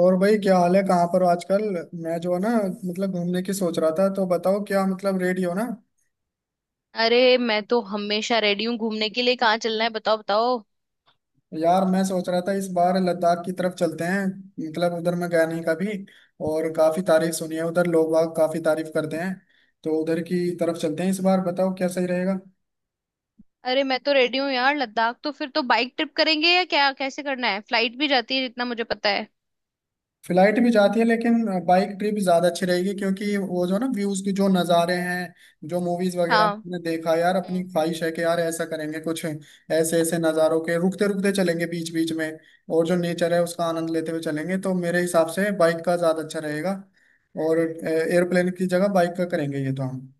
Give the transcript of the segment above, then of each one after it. और भाई क्या हाल है? कहाँ पर हो आजकल? मैं जो है ना, मतलब घूमने की सोच रहा था, तो बताओ क्या मतलब रेडी हो ना। अरे मैं तो हमेशा रेडी हूँ घूमने के लिए। कहाँ चलना है, बताओ बताओ। यार मैं सोच रहा था इस बार लद्दाख की तरफ चलते हैं। मतलब उधर मैं गया नहीं कभी। और काफी तारीफ सुनी है, उधर लोग बाग काफी तारीफ करते हैं। तो उधर की तरफ चलते हैं इस बार, बताओ क्या सही रहेगा। अरे मैं तो रेडी हूँ यार। लद्दाख तो फिर तो बाइक ट्रिप करेंगे या क्या, कैसे करना है? फ्लाइट भी जाती है जितना मुझे पता है। फ्लाइट भी जाती है लेकिन बाइक ट्रिप ज्यादा अच्छी रहेगी क्योंकि वो जो ना व्यूज के जो नज़ारे हैं, जो मूवीज वगैरह में हाँ। हमने देखा है, यार अपनी हम्म। ख्वाहिश है कि यार ऐसा करेंगे, कुछ ऐसे ऐसे नज़ारों के रुकते रुकते चलेंगे, बीच बीच में। और जो नेचर है उसका आनंद लेते हुए चलेंगे, तो मेरे हिसाब से बाइक का ज्यादा अच्छा रहेगा। और एयरप्लेन की जगह बाइक का करेंगे ये तो हम।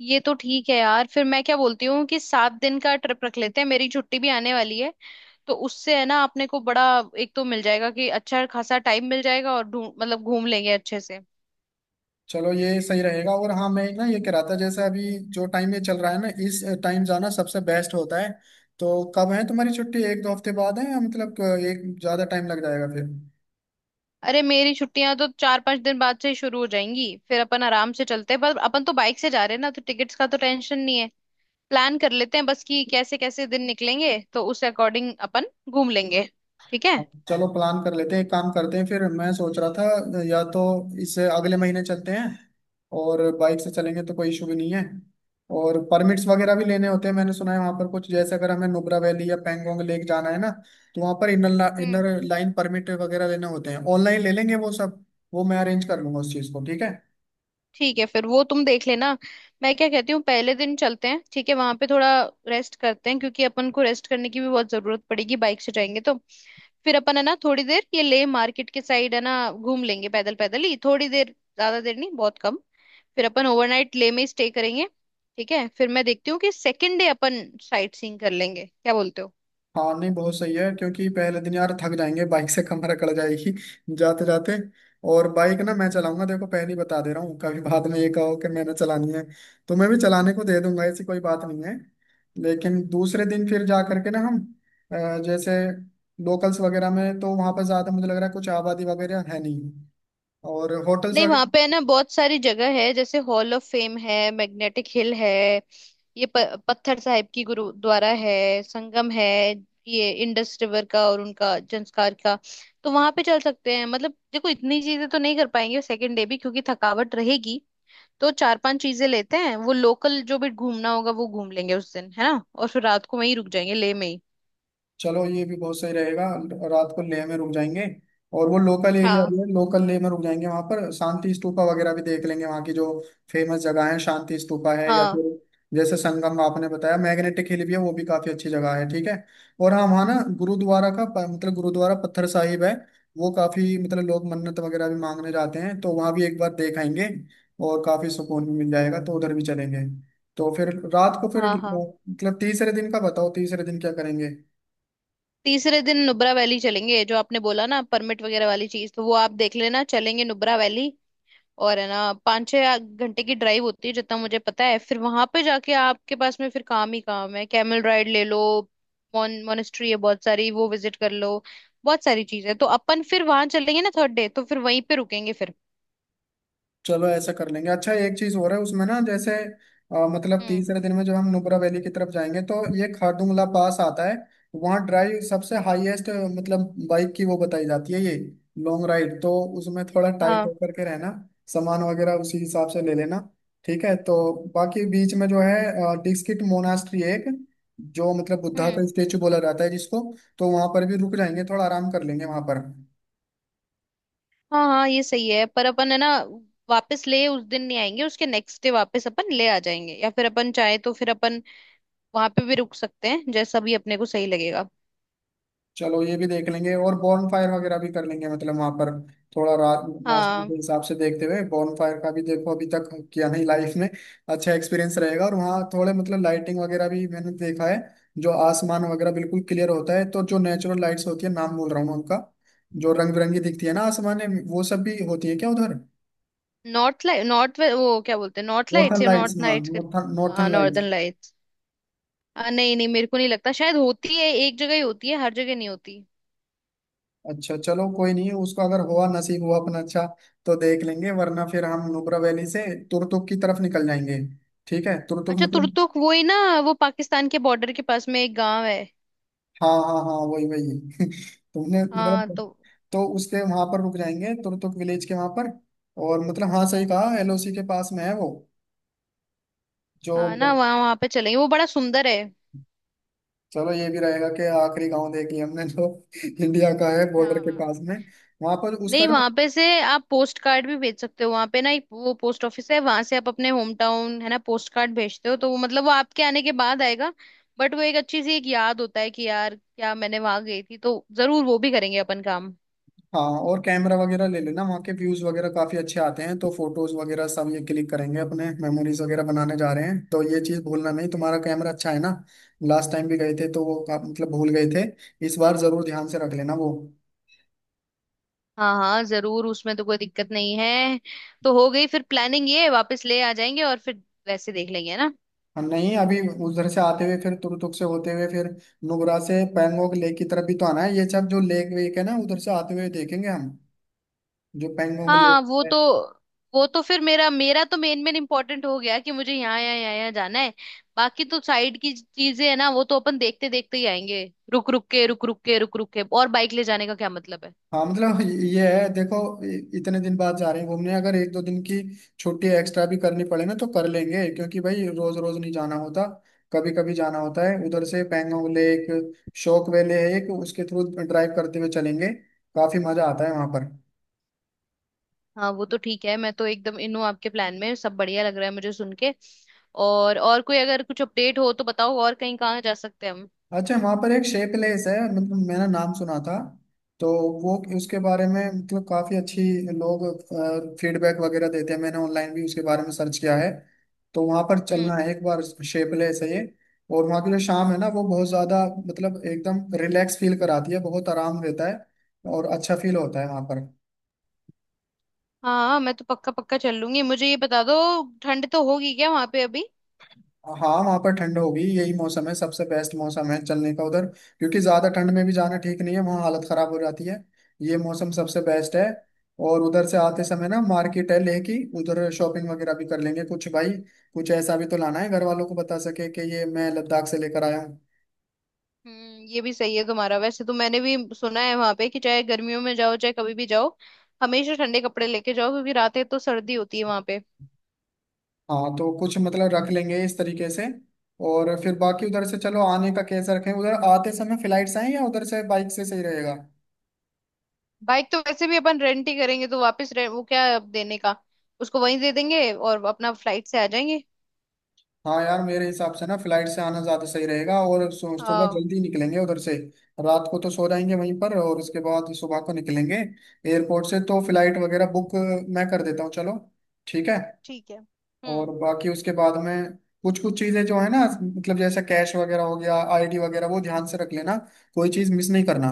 ये तो ठीक है यार। फिर मैं क्या बोलती हूँ कि 7 दिन का ट्रिप रख लेते हैं, मेरी छुट्टी भी आने वाली है। तो उससे है ना अपने को बड़ा एक तो मिल जाएगा कि अच्छा खासा टाइम मिल जाएगा, और ढूंढ मतलब घूम लेंगे अच्छे से। चलो ये सही रहेगा। और हाँ, मैं ना ये कह रहा था, जैसे अभी जो टाइम ये चल रहा है ना, इस टाइम जाना सबसे बेस्ट होता है। तो कब है तुम्हारी छुट्टी? एक दो हफ्ते बाद है या मतलब एक ज्यादा टाइम लग जाएगा फिर। अरे मेरी छुट्टियां तो 4-5 दिन बाद से ही शुरू हो जाएंगी। फिर अपन आराम से चलते हैं, पर अपन तो बाइक से जा रहे हैं ना तो टिकट्स का तो टेंशन नहीं। प्लान कर लेते हैं बस कि कैसे कैसे दिन निकलेंगे तो उस अकॉर्डिंग अपन घूम लेंगे। ठीक है। चलो प्लान कर लेते हैं, एक काम करते हैं। फिर मैं सोच रहा था या तो इससे अगले महीने चलते हैं, और बाइक से चलेंगे तो कोई इशू भी नहीं है। और परमिट्स वगैरह भी लेने होते हैं, मैंने सुना है वहाँ पर कुछ, जैसे अगर हमें नुब्रा वैली या पैंगोंग लेक जाना है ना, तो वहाँ पर इनर हम्म। इनर लाइन परमिट वगैरह लेने होते हैं, ऑनलाइन ले लेंगे वो सब। वो मैं अरेंज कर लूंगा उस चीज़ को, ठीक है। ठीक है फिर वो तुम देख लेना। मैं क्या कहती हूँ, पहले दिन चलते हैं, ठीक है, वहां पे थोड़ा रेस्ट करते हैं, क्योंकि अपन को रेस्ट करने की भी बहुत जरूरत पड़ेगी, बाइक से जाएंगे तो। फिर अपन है ना थोड़ी देर ये लेह मार्केट के साइड है ना घूम लेंगे पैदल पैदल ही, थोड़ी देर, ज्यादा देर नहीं, बहुत कम। फिर अपन ओवरनाइट लेह में स्टे करेंगे। ठीक है, फिर मैं देखती हूँ कि सेकेंड डे अपन साइट सीइंग कर लेंगे, क्या बोलते हो? हाँ नहीं, बहुत सही है क्योंकि पहले दिन यार थक जाएंगे, बाइक से कमर अकड़ जाएगी। जाते जाते। और बाइक ना मैं चलाऊंगा, देखो पहले ही बता दे रहा हूँ, कभी बाद में ये कहो कि मैंने चलानी है तो मैं भी चलाने को दे दूंगा, ऐसी कोई बात नहीं है। लेकिन दूसरे दिन फिर जा करके ना हम, जैसे लोकल्स वगैरह में तो वहाँ पर ज़्यादा मुझे लग रहा है कुछ आबादी वगैरह है नहीं, और होटल्स नहीं, वहां वगैरह। पे है ना बहुत सारी जगह है। जैसे हॉल ऑफ फेम है, मैग्नेटिक हिल है, ये पत्थर साहिब की गुरुद्वारा है, संगम है, ये इंडस रिवर का और उनका संस्कार का। तो वहां पे चल सकते हैं मतलब। देखो, इतनी चीजें तो नहीं कर पाएंगे सेकंड डे भी, क्योंकि थकावट रहेगी। तो चार पांच चीजें लेते हैं, वो लोकल जो भी घूमना होगा वो घूम लेंगे उस दिन है ना। और फिर रात को वहीं रुक जाएंगे ले में ही। चलो ये भी बहुत सही रहेगा। रात को लेह में रुक जाएंगे। और वो लोकल एरिया हाँ, भी है, लोकल लेह में रुक जाएंगे, वहां पर शांति स्तूपा वगैरह भी देख लेंगे, वहां की जो फेमस जगह है शांति स्तूपा है, या हाँ, फिर जैसे संगम आपने बताया, मैग्नेटिक हिल भी है, वो भी काफी अच्छी जगह है, ठीक है। और हाँ, वहाँ ना गुरुद्वारा का मतलब गुरुद्वारा पत्थर साहिब है, वो काफी, मतलब लोग मन्नत वगैरह भी मांगने जाते हैं, तो वहां भी एक बार देख आएंगे और काफी सुकून भी मिल जाएगा, तो उधर भी चलेंगे। तो फिर रात को फिर, हाँ, हाँ। मतलब तीसरे दिन का बताओ, तीसरे दिन क्या करेंगे। तीसरे दिन नुब्रा वैली चलेंगे। जो आपने बोला ना परमिट वगैरह वाली चीज, तो वो आप देख लेना। चलेंगे नुब्रा वैली। और है ना 5-6 घंटे की ड्राइव होती है जितना मुझे पता है। फिर वहां पे जाके आपके पास में फिर काम ही काम है, कैमल राइड ले लो, मॉन मोनेस्ट्री है, बहुत सारी वो विजिट कर लो, बहुत सारी चीजें। तो अपन फिर वहां चलेंगे ना थर्ड डे, तो फिर वहीं पे रुकेंगे फिर। चलो ऐसा कर लेंगे। अच्छा, एक चीज हो रहा है उसमें ना, जैसे मतलब हम्म। तीसरे दिन में जब हम नुब्रा वैली की तरफ जाएंगे तो ये खारदुंगला पास आता है, वहाँ ड्राइव सबसे हाईएस्ट, मतलब बाइक की वो बताई जाती है ये लॉन्ग राइड, तो उसमें थोड़ा टाइट हाँ। होकर के रहना, सामान वगैरह उसी हिसाब से ले लेना। ठीक है तो बाकी बीच में जो है डिस्किट मोनास्ट्री, एक जो मतलब बुद्धा हम्म। का स्टेचू बोला जाता है जिसको, तो वहां पर भी रुक जाएंगे, थोड़ा आराम कर लेंगे वहां पर। हाँ, हाँ, ये सही है। पर अपन है ना वापस ले उस दिन नहीं आएंगे, उसके नेक्स्ट डे वापस अपन ले आ जाएंगे। या फिर अपन चाहे तो फिर अपन वहां पे भी रुक सकते हैं, जैसा भी अपने को सही लगेगा। चलो ये भी देख लेंगे, और बॉन फायर वगैरह भी कर लेंगे, मतलब वहां पर थोड़ा रात मौसम हाँ। के हिसाब से देखते हुए, बॉन फायर का भी, देखो अभी तक किया नहीं लाइफ में, अच्छा एक्सपीरियंस रहेगा। और वहाँ थोड़े मतलब लाइटिंग वगैरह भी मैंने देखा है, जो आसमान वगैरह बिल्कुल क्लियर होता है तो जो नेचुरल लाइट्स होती है, नाम बोल रहा हूँ मैं उनका, जो रंग बिरंगी दिखती है ना आसमान में, वो सब भी होती है क्या उधर? नॉर्थ लाइट, नॉर्थ, वो क्या बोलते हैं, नॉर्थ लाइट्स नॉर्थन या लाइट्स, नॉर्थ हाँ, नाइट्स नॉर्थन करके। नॉर्थन हाँ, लाइट्स। Northern lights. नहीं नहीं, मेरे को नहीं लगता, शायद होती है एक जगह ही, होती है हर जगह नहीं होती। अच्छा चलो कोई नहीं, उसको अगर हुआ, नसीब हुआ अपना, अच्छा तो देख लेंगे, वरना फिर हम नुब्रा वैली से तुरतुक की तरफ निकल जाएंगे। ठीक है, तुरतुक अच्छा, मतलब, तुरतुक वो ही ना। वो पाकिस्तान के बॉर्डर के पास में एक गांव है। हाँ हाँ हाँ, वही वही। तुमने हाँ मतलब, तो। तो उसके वहां पर रुक जाएंगे, तुरतुक विलेज के वहां पर। और मतलब हाँ, सही कहा, एलओसी के पास में है वो जो। हाँ ना, वहाँ वहाँ पे चलेंगे, वो बड़ा सुंदर है। चलो ये भी रहेगा कि आखिरी गांव देख लिया हमने जो इंडिया का है, बॉर्डर के हाँ। पास में। वहां पर उसका, नहीं, वहां पे से आप पोस्ट कार्ड भी भेज सकते हो। वहां पे ना एक वो पोस्ट ऑफिस है, वहां से आप अपने होम टाउन है ना पोस्ट कार्ड भेजते हो, तो वो मतलब वो आपके आने के बाद आएगा। बट वो एक अच्छी सी एक याद होता है कि यार क्या मैंने वहां गई थी। तो जरूर वो भी करेंगे अपन काम। हाँ। और कैमरा वगैरह ले लेना, वहाँ के व्यूज वगैरह काफी अच्छे आते हैं, तो फोटोज वगैरह सब ये क्लिक करेंगे, अपने मेमोरीज वगैरह बनाने जा रहे हैं, तो ये चीज भूलना नहीं। तुम्हारा कैमरा अच्छा है ना, लास्ट टाइम भी गए थे तो वो मतलब भूल गए थे, इस बार जरूर ध्यान से रख लेना वो। हाँ हाँ, जरूर, उसमें तो कोई दिक्कत नहीं है। तो हो गई फिर प्लानिंग, ये वापस ले आ जाएंगे और फिर वैसे देख लेंगे ना। और नहीं अभी, उधर से आते हुए फिर तुरतुक से होते हुए फिर नुब्रा से पैंगोंग लेक की तरफ भी तो आना है, ये सब जो लेक वेक है ना उधर से आते हुए देखेंगे हम, जो पैंगोंग हाँ, वो तो लेक। वो तो फिर मेरा मेरा तो मेन मेन इम्पोर्टेंट हो गया कि मुझे यहाँ यहाँ यहाँ यहाँ जाना है। बाकी तो साइड की चीजें है ना, वो तो अपन देखते देखते ही आएंगे, रुक रुक के रुक रुक के रुक रुक के। और बाइक ले जाने का क्या मतलब है। हाँ मतलब ये है देखो, इतने दिन बाद जा रहे हैं घूमने, अगर एक दो दिन की छुट्टी एक्स्ट्रा भी करनी पड़े ना तो कर लेंगे क्योंकि भाई रोज रोज नहीं जाना होता, कभी कभी जाना होता है। उधर से पैंगोंग लेक, शोक वैली है एक, उसके थ्रू ड्राइव करते हुए चलेंगे, काफी मजा आता है वहां पर। हाँ वो तो ठीक है, मैं तो एकदम इन हूँ आपके प्लान में, सब बढ़िया लग रहा है मुझे सुन के। और कोई अगर कुछ अपडेट हो तो बताओ, और कहीं कहाँ जा सकते हैं हम। अच्छा, वहां पर एक शे प्लेस है, मतलब मैंने नाम सुना था, तो वो उसके बारे में मतलब काफी अच्छी लोग फीडबैक वगैरह देते हैं, मैंने ऑनलाइन भी उसके बारे में सर्च किया है, तो वहां पर हम्म। चलना है एक बार। शे प्लेस है ये, और वहाँ की जो शाम है ना वो बहुत ज्यादा मतलब एकदम रिलैक्स फील कराती है, बहुत आराम देता है और अच्छा फील होता है वहां पर। हाँ, मैं तो पक्का पक्का चल लूंगी। मुझे ये बता दो, ठंड तो होगी क्या वहां पे अभी? हाँ वहाँ पर ठंड होगी, यही मौसम है, सबसे बेस्ट मौसम है चलने का उधर, क्योंकि ज्यादा ठंड में भी जाना ठीक नहीं है, वहाँ हालत खराब हो जाती है, ये मौसम सबसे बेस्ट है। और उधर से आते समय ना मार्केट है लेह की, उधर शॉपिंग वगैरह भी कर लेंगे कुछ, भाई कुछ ऐसा भी तो लाना है घर वालों को, बता सके कि ये मैं लद्दाख से लेकर आया हूँ। हम्म, ये भी सही है तुम्हारा। वैसे तो मैंने भी सुना है वहां पे कि चाहे गर्मियों में जाओ चाहे कभी भी जाओ, हमेशा ठंडे कपड़े लेके जाओ, क्योंकि रातें तो सर्दी होती है वहां पे। हाँ तो कुछ मतलब रख लेंगे इस तरीके से। और फिर बाकी उधर से, चलो आने का कैसे रखें? उधर आते समय फ्लाइट से आए या उधर से बाइक से सही रहेगा? बाइक तो वैसे भी अपन रेंट ही करेंगे, तो वापस वो क्या है अब देने का। उसको वहीं दे देंगे और अपना फ्लाइट से आ जाएंगे। हाँ यार मेरे हिसाब से ना फ्लाइट से आना ज्यादा सही रहेगा, और सुबह हाँ। जल्दी निकलेंगे उधर से। रात को तो सो जाएंगे वहीं पर और उसके बाद सुबह को निकलेंगे एयरपोर्ट से, तो फ्लाइट वगैरह बुक मैं कर देता हूँ, चलो ठीक है। ठीक है। और हम्म। बाकी उसके बाद में कुछ कुछ चीजें जो है ना, मतलब जैसा कैश वगैरह हो गया, आईडी वगैरह, वो ध्यान से रख लेना, कोई चीज मिस नहीं करना।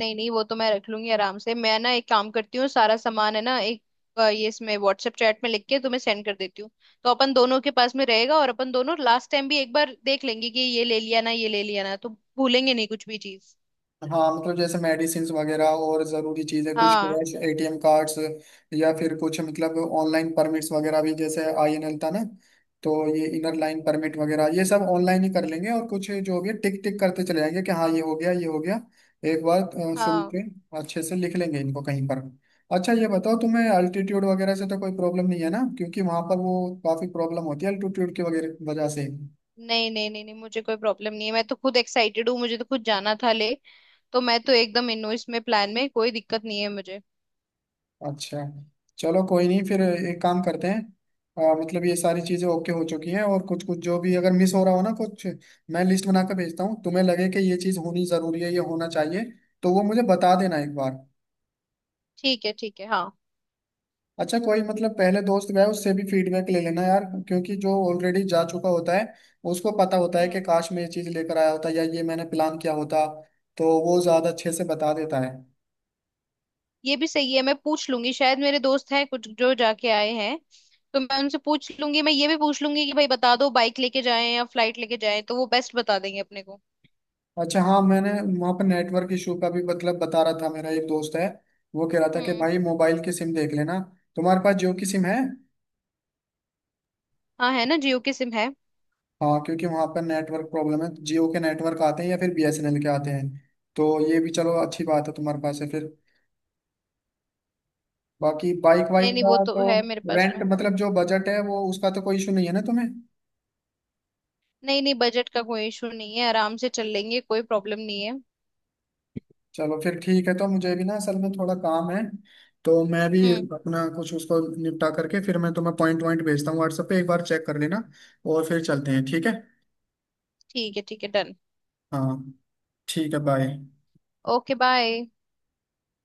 नहीं नहीं, वो तो मैं रख लूंगी आराम से। मैं ना एक काम करती हूँ, सारा सामान है ना एक, ये इसमें व्हाट्सएप चैट में लिख के तुम्हें सेंड कर देती हूँ। तो अपन दोनों के पास में रहेगा, और अपन दोनों लास्ट टाइम भी एक बार देख लेंगे कि ये ले लिया ना ये ले लिया ना, तो भूलेंगे नहीं कुछ भी चीज। हाँ मतलब जैसे मेडिसिन वगैरह और ज़रूरी चीज़ें, कुछ हाँ कैश, एटीएम कार्ड्स, या फिर कुछ मतलब ऑनलाइन परमिट्स वगैरह भी, जैसे आईएनएल था ना, तो ये इनर लाइन परमिट वगैरह ये सब ऑनलाइन ही कर लेंगे, और कुछ जो भी है टिक टिक करते चले जाएंगे कि हाँ ये हो गया ये हो गया। एक बार सुन हाँ। के अच्छे से लिख लेंगे इनको कहीं पर। अच्छा ये बताओ तुम्हें अल्टीट्यूड वगैरह से तो कोई प्रॉब्लम नहीं है ना, क्योंकि वहां पर वो काफ़ी प्रॉब्लम होती है अल्टीट्यूड की वगैरह वजह से। नहीं नहीं नहीं नहीं, मुझे कोई प्रॉब्लम नहीं है। मैं तो खुद एक्साइटेड हूँ, मुझे तो खुद जाना था ले। तो मैं तो एकदम इन हूँ, इसमें प्लान में कोई दिक्कत नहीं है मुझे। अच्छा चलो कोई नहीं, फिर एक काम करते हैं, मतलब ये सारी चीजें ओके हो चुकी हैं और कुछ कुछ जो भी अगर मिस हो रहा हो ना कुछ, मैं लिस्ट बना कर भेजता हूँ, तुम्हें लगे कि ये चीज होनी जरूरी है ये होना चाहिए तो वो मुझे बता देना एक बार। ठीक है, ठीक है। हाँ। अच्छा कोई मतलब पहले दोस्त गया उससे भी फीडबैक ले लेना यार, क्योंकि जो ऑलरेडी जा चुका होता है उसको पता होता है कि हम्म। काश मैं ये चीज लेकर आया होता या ये मैंने प्लान किया होता, तो वो ज्यादा अच्छे से बता देता है। ये भी सही है। मैं पूछ लूंगी, शायद मेरे दोस्त हैं कुछ जो जाके आए हैं। तो मैं उनसे पूछ लूंगी। मैं ये भी पूछ लूंगी कि भाई बता दो बाइक लेके जाएं या फ्लाइट लेके जाएं, तो वो बेस्ट बता देंगे अपने को। अच्छा हाँ मैंने, वहाँ पर नेटवर्क इशू का भी मतलब बता रहा था, मेरा एक दोस्त है, वो कह रहा था कि हम्म। भाई मोबाइल की सिम देख लेना, तुम्हारे पास जियो की सिम है। हाँ, है ना, जियो की सिम है। हाँ क्योंकि वहाँ पर नेटवर्क प्रॉब्लम है, जियो के नेटवर्क आते हैं या फिर बीएसएनएल के आते हैं, तो ये भी चलो अच्छी बात है तुम्हारे पास है फिर। बाकी बाइक वाइक नहीं नहीं, वो का तो तो है मेरे पास रेंट, में। मतलब जो बजट है वो उसका तो कोई इशू नहीं है ना तुम्हें? नहीं नहीं, बजट का कोई इशू नहीं है। आराम से चल लेंगे, कोई प्रॉब्लम नहीं है। चलो फिर ठीक है, तो मुझे भी ना असल में थोड़ा काम है, तो मैं भी हम्म। अपना कुछ उसको निपटा करके फिर मैं तुम्हें पॉइंट वॉइंट भेजता हूँ व्हाट्सएप पे, एक बार चेक कर लेना और फिर चलते हैं, ठीक है। ठीक है, ठीक है, डन। हाँ ठीक है, बाय। Okay, bye.